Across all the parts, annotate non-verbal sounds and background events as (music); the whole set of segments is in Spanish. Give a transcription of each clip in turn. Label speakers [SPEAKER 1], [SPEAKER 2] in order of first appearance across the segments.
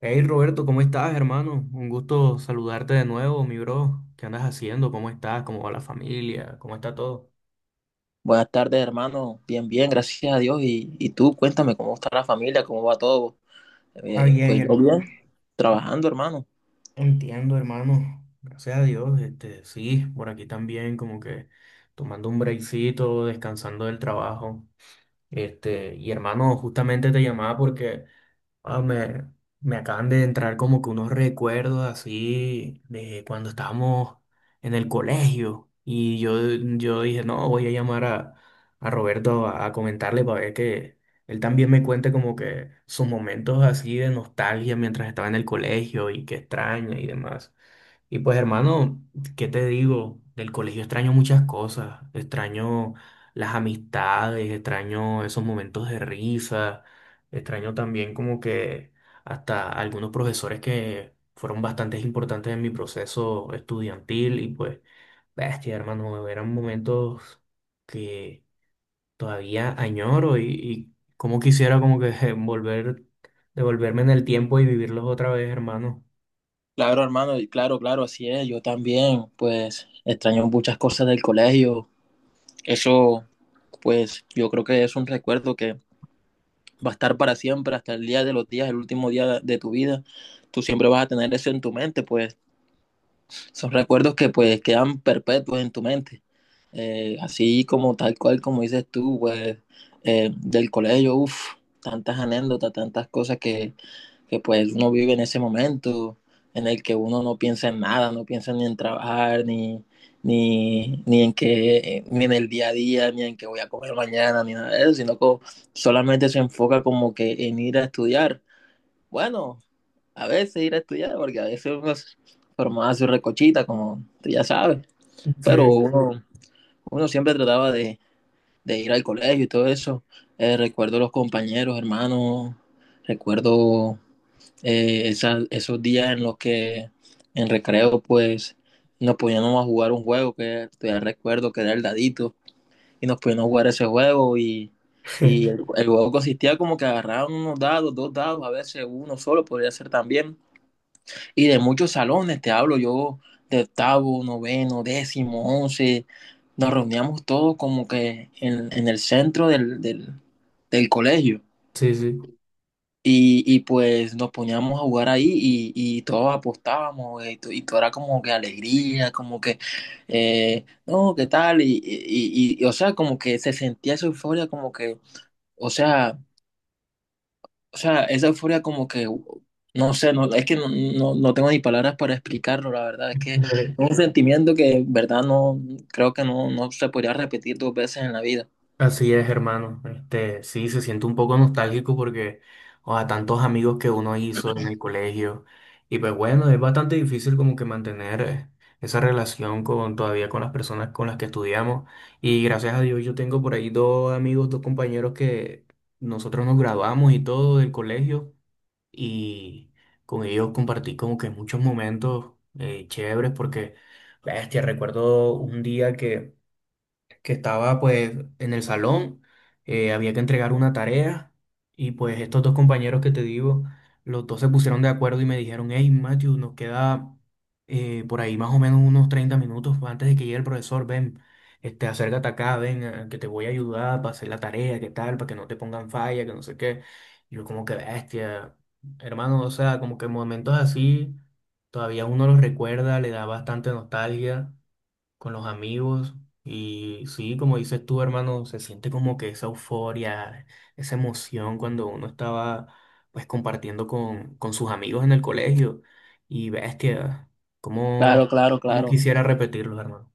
[SPEAKER 1] Hey Roberto, ¿cómo estás, hermano? Un gusto saludarte de nuevo, mi bro. ¿Qué andas haciendo? ¿Cómo estás? ¿Cómo va la familia? ¿Cómo está todo?
[SPEAKER 2] Buenas tardes, hermano. Bien, bien, gracias a Dios. Y tú, cuéntame cómo está la familia, cómo va todo.
[SPEAKER 1] Ah,
[SPEAKER 2] Eh,
[SPEAKER 1] bien,
[SPEAKER 2] pues yo
[SPEAKER 1] hermano.
[SPEAKER 2] bien, trabajando, hermano.
[SPEAKER 1] Entiendo, hermano. Gracias a Dios. Sí, por aquí también como que tomando un breakcito, descansando del trabajo. Y hermano, justamente te llamaba porque Ah, me, me acaban de entrar como que unos recuerdos así de cuando estábamos en el colegio. Y yo dije, no, voy a llamar a Roberto a comentarle para ver que él también me cuente como que sus momentos así de nostalgia mientras estaba en el colegio y que extraña y demás. Y pues hermano, ¿qué te digo? Del colegio extraño muchas cosas, extraño las amistades, extraño esos momentos de risa, extraño también como que hasta algunos profesores que fueron bastante importantes en mi proceso estudiantil. Y pues, bestia hermano, eran momentos que todavía añoro, y como quisiera como que (laughs) volver, devolverme en el tiempo y vivirlos otra vez, hermano.
[SPEAKER 2] Claro, hermano, y claro, claro, así es. Yo también, pues extraño muchas cosas del colegio. Eso, pues yo creo que es un recuerdo que va a estar para siempre, hasta el día de los días, el último día de tu vida. Tú siempre vas a tener eso en tu mente, pues. Son recuerdos que pues quedan perpetuos en tu mente. Así como tal cual como dices tú, pues del colegio, uff, tantas anécdotas, tantas cosas que pues uno vive en ese momento en el que uno no piensa en nada, no piensa ni en trabajar, ni en que, ni en el día a día, ni en que voy a comer mañana, ni nada de eso, sino que solamente se enfoca como que en ir a estudiar. Bueno, a veces ir a estudiar, porque a veces uno se formaba su recochita, como tú ya sabes, pero
[SPEAKER 1] Sí.
[SPEAKER 2] uno siempre trataba de ir al colegio y todo eso. Recuerdo los compañeros, hermanos, recuerdo esos días en los que en recreo pues nos poníamos a jugar un juego que todavía recuerdo que era el dadito y nos poníamos a jugar ese juego y el,
[SPEAKER 1] (laughs)
[SPEAKER 2] el juego consistía como que agarraban unos dados, dos dados, a veces uno solo podría ser también, y de muchos salones, te hablo yo de octavo, noveno, décimo, once, nos reuníamos todos como que en el centro del colegio
[SPEAKER 1] Sí, sí.
[SPEAKER 2] pues nos poníamos a jugar ahí y todos apostábamos y todo era como que alegría, como que, no, ¿qué tal? O sea, como que se sentía esa euforia, como que, o sea, esa euforia como que, no sé, no, es que no tengo ni palabras para explicarlo, la verdad, es que es
[SPEAKER 1] Eh,
[SPEAKER 2] un sentimiento que, en verdad, no, creo que no se podría repetir dos veces en la vida.
[SPEAKER 1] Así es, hermano. Sí, se siente un poco nostálgico porque o a tantos amigos que uno hizo en el colegio. Y pues bueno, es bastante difícil como que mantener esa relación con todavía con las personas con las que estudiamos. Y gracias a Dios yo tengo por ahí dos amigos, dos compañeros que nosotros nos graduamos y todo del colegio. Y con ellos compartí como que muchos momentos chéveres porque, bestia, recuerdo un día que estaba pues en el salón, había que entregar una tarea y pues estos dos compañeros que te digo, los dos se pusieron de acuerdo y me dijeron, hey Matthew, nos queda por ahí más o menos unos 30 minutos antes de que llegue el profesor, ven, acércate acá, ven, que te voy a ayudar para hacer la tarea, qué tal, para que no te pongan falla, que no sé qué. Y yo como que bestia, hermano, o sea, como que momentos así, todavía uno los recuerda, le da bastante nostalgia con los amigos. Y sí, como dices tú, hermano, se siente como que esa euforia, esa emoción cuando uno estaba pues compartiendo con sus amigos en el colegio. Y bestia, cómo,
[SPEAKER 2] Claro, claro,
[SPEAKER 1] cómo
[SPEAKER 2] claro.
[SPEAKER 1] quisiera repetirlo, hermano.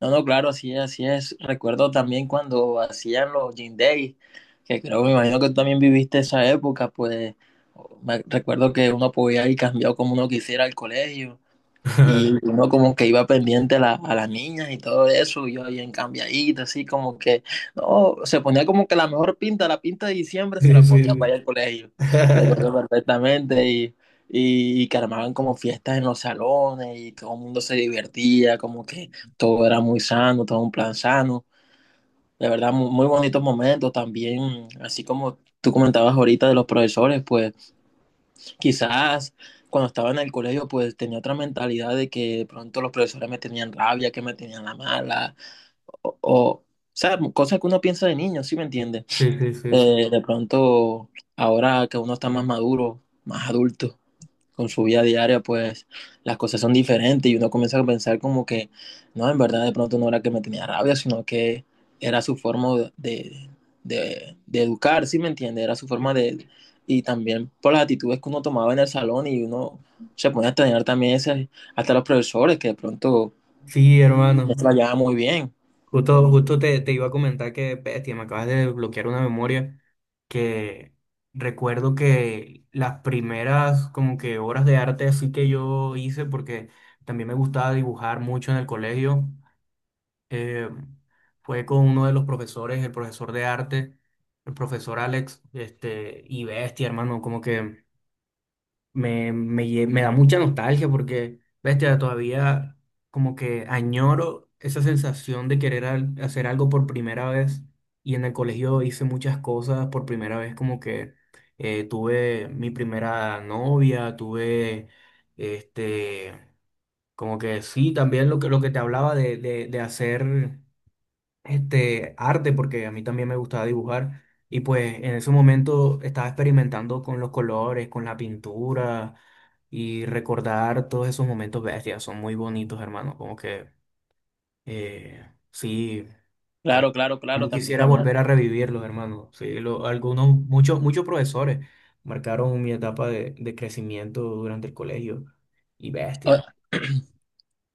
[SPEAKER 2] No, no, claro, así es, así es. Recuerdo también cuando hacían los Gym Days, que creo, me imagino que tú también viviste esa época, pues, me recuerdo que uno podía ir cambiado como uno quisiera al colegio. Y
[SPEAKER 1] (laughs)
[SPEAKER 2] uno como que iba pendiente a a las niñas y todo eso, y yo bien cambiadito, así como que, no, se ponía como que la mejor pinta, la pinta de diciembre se
[SPEAKER 1] Sí,
[SPEAKER 2] la
[SPEAKER 1] sí,
[SPEAKER 2] ponía para
[SPEAKER 1] sí.
[SPEAKER 2] ir al colegio, recuerdo perfectamente, y que armaban como fiestas en los salones, y todo el mundo se divertía, como que todo era muy sano, todo un plan sano, de verdad, muy, muy bonitos momentos también, así como tú comentabas ahorita de los profesores, pues quizás cuando estaba en el colegio, pues tenía otra mentalidad de que de pronto los profesores me tenían rabia, que me tenían la mala, o sea, cosas que uno piensa de niño, ¿sí me entiende?
[SPEAKER 1] (laughs) Sí, sí, sí,
[SPEAKER 2] De pronto, ahora que uno está más maduro, más adulto, con
[SPEAKER 1] sí.
[SPEAKER 2] su vida diaria, pues las cosas son diferentes y uno comienza a pensar como que, no, en verdad de pronto no era que me tenía rabia, sino que era su forma de educar, ¿sí me entiende? Era su forma de... Y también por las actitudes que uno tomaba en el salón y uno se ponía a extrañar también ese, hasta los profesores que de pronto
[SPEAKER 1] Sí,
[SPEAKER 2] no se
[SPEAKER 1] hermano.
[SPEAKER 2] la llevaban muy bien.
[SPEAKER 1] Justo, justo te iba a comentar que, bestia, me acabas de desbloquear una memoria que recuerdo que las primeras como que obras de arte así que yo hice, porque también me gustaba dibujar mucho en el colegio, eh, fue con uno de los profesores, el profesor de arte, el profesor Alex. Y bestia, hermano, como que me da mucha nostalgia porque, bestia, todavía como que añoro esa sensación de querer hacer algo por primera vez. Y en el colegio hice muchas cosas por primera vez, como que tuve mi primera novia, tuve este, como que sí, también lo que te hablaba de hacer arte, porque a mí también me gustaba dibujar. Y pues en ese momento estaba experimentando con los colores, con la pintura y recordar todos esos momentos bestias. Son muy bonitos, hermano. Como que sí, como,
[SPEAKER 2] Claro, claro, claro,
[SPEAKER 1] como
[SPEAKER 2] también,
[SPEAKER 1] quisiera
[SPEAKER 2] también.
[SPEAKER 1] volver a revivirlos, hermano. Sí, algunos, muchos, muchos profesores marcaron mi etapa de crecimiento durante el colegio. Y bestia.
[SPEAKER 2] Ah,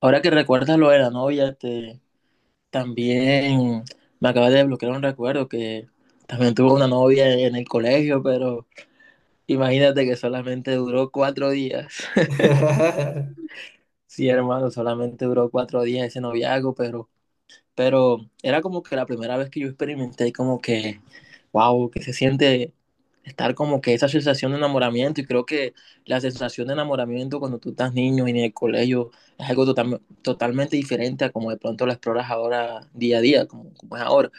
[SPEAKER 2] ahora que recuerdas lo de la novia, este, también me acaba de bloquear un recuerdo que también tuve una novia en el colegio, pero imagínate que solamente duró cuatro días. (laughs)
[SPEAKER 1] (laughs)
[SPEAKER 2] Sí, hermano, solamente duró cuatro días ese noviazgo, pero era como que la primera vez que yo experimenté como que, wow, que se siente estar como que esa sensación de enamoramiento y creo que la sensación de enamoramiento cuando tú estás niño y en el colegio es algo totalmente diferente a como de pronto la exploras ahora día a día, como es ahora.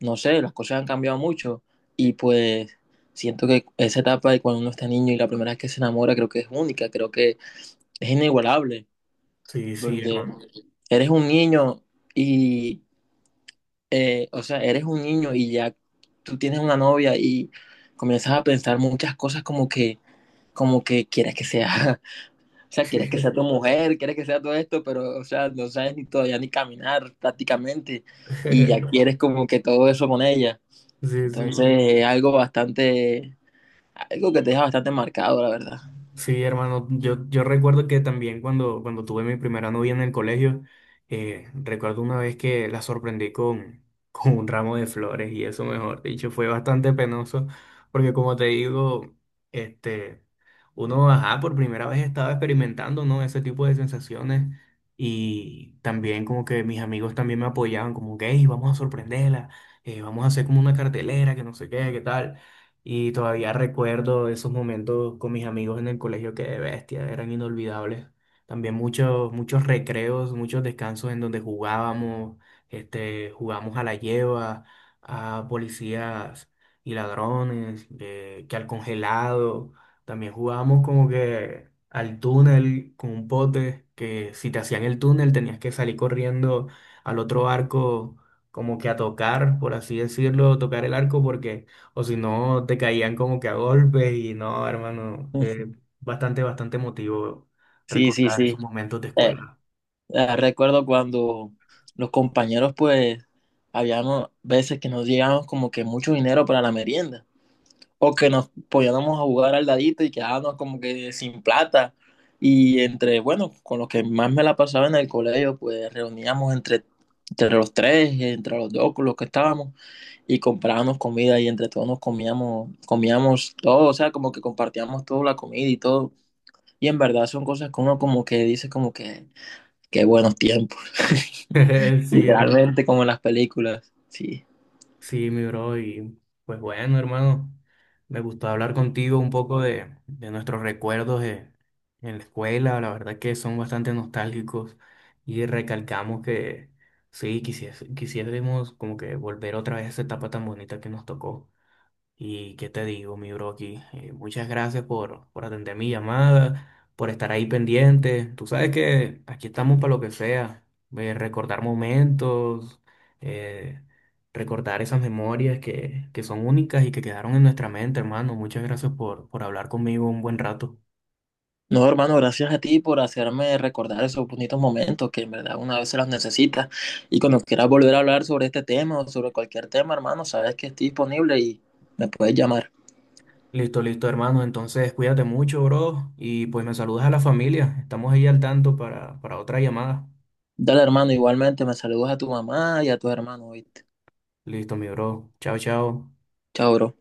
[SPEAKER 2] No sé, las cosas han cambiado mucho y pues siento que esa etapa de cuando uno está niño y la primera vez que se enamora creo que es única, creo que es inigualable
[SPEAKER 1] Sí, sí,
[SPEAKER 2] porque
[SPEAKER 1] hermano.
[SPEAKER 2] eres un niño y, o sea, eres un niño y ya tú tienes una novia y comienzas a pensar muchas cosas como que quieres que sea, (laughs) o sea, quieres que sea tu mujer, quieres que sea todo esto, pero, o sea, no sabes ni todavía ni caminar prácticamente y ya
[SPEAKER 1] (laughs)
[SPEAKER 2] quieres como que todo eso con ella.
[SPEAKER 1] Sí,
[SPEAKER 2] Entonces,
[SPEAKER 1] sí.
[SPEAKER 2] es algo bastante, algo que te deja bastante marcado, la verdad.
[SPEAKER 1] Sí, hermano, yo recuerdo que también cuando tuve mi primera novia en el colegio. Recuerdo una vez que la sorprendí con, (laughs) con un ramo de flores y eso, mejor dicho, fue bastante penoso porque como te digo, este, uno, ajá, por primera vez estaba experimentando, ¿no? Ese tipo de sensaciones. Y también como que mis amigos también me apoyaban como que, "Ey, vamos a sorprenderla, vamos a hacer como una cartelera, que no sé qué, qué tal. Y todavía recuerdo esos momentos con mis amigos en el colegio que de bestia, eran inolvidables. También muchos, muchos recreos, muchos descansos en donde jugábamos, jugamos a la lleva, a policías y ladrones, que al congelado. También jugábamos como que al túnel con un pote, que si te hacían el túnel tenías que salir corriendo al otro arco como que a tocar, por así decirlo, tocar el arco porque o si no, te caían como que a golpes. Y no, hermano,
[SPEAKER 2] (laughs)
[SPEAKER 1] bastante, bastante emotivo
[SPEAKER 2] Sí, sí,
[SPEAKER 1] recordar
[SPEAKER 2] sí.
[SPEAKER 1] esos momentos de
[SPEAKER 2] Eh,
[SPEAKER 1] escuela.
[SPEAKER 2] Recuerdo cuando los compañeros, pues, habíamos veces que nos llegábamos como que mucho dinero para la merienda, o que nos poníamos a jugar al dadito y quedábamos como que sin plata. Y entre, bueno, con los que más me la pasaba en el colegio, pues reuníamos entre, entre los tres, entre los dos, con los que estábamos, y comprábamos comida y entre todos nos comíamos, comíamos todo, o sea, como que compartíamos toda la comida y todo. Y en verdad son cosas que uno como que dice como que, qué buenos tiempos, (laughs)
[SPEAKER 1] (laughs) Sí, hermano.
[SPEAKER 2] literalmente como en las películas, sí.
[SPEAKER 1] Sí, mi bro, y pues bueno, hermano, me gustó hablar contigo un poco de nuestros recuerdos en la escuela, la verdad que son bastante nostálgicos y recalcamos que sí, quisiésemos como que volver otra vez a esa etapa tan bonita que nos tocó. Y qué te digo, mi bro, aquí. Muchas gracias por atender mi llamada, por estar ahí pendiente. Tú sabes que aquí estamos para lo que sea. Recordar momentos, eh, recordar esas memorias que son únicas y que quedaron en nuestra mente, hermano. Muchas gracias por hablar conmigo un buen rato.
[SPEAKER 2] No, hermano, gracias a ti por hacerme recordar esos bonitos momentos que en verdad una vez se los necesita. Y cuando quieras volver a hablar sobre este tema o sobre cualquier tema, hermano, sabes que estoy disponible y me puedes llamar.
[SPEAKER 1] Listo, listo, hermano. Entonces, cuídate mucho, bro. Y pues me saludas a la familia. Estamos ahí al tanto para otra llamada.
[SPEAKER 2] Dale, hermano, igualmente me saludas a tu mamá y a tus hermanos, ¿viste?
[SPEAKER 1] Listo, mi bro. Chao, chao.
[SPEAKER 2] Chao, bro.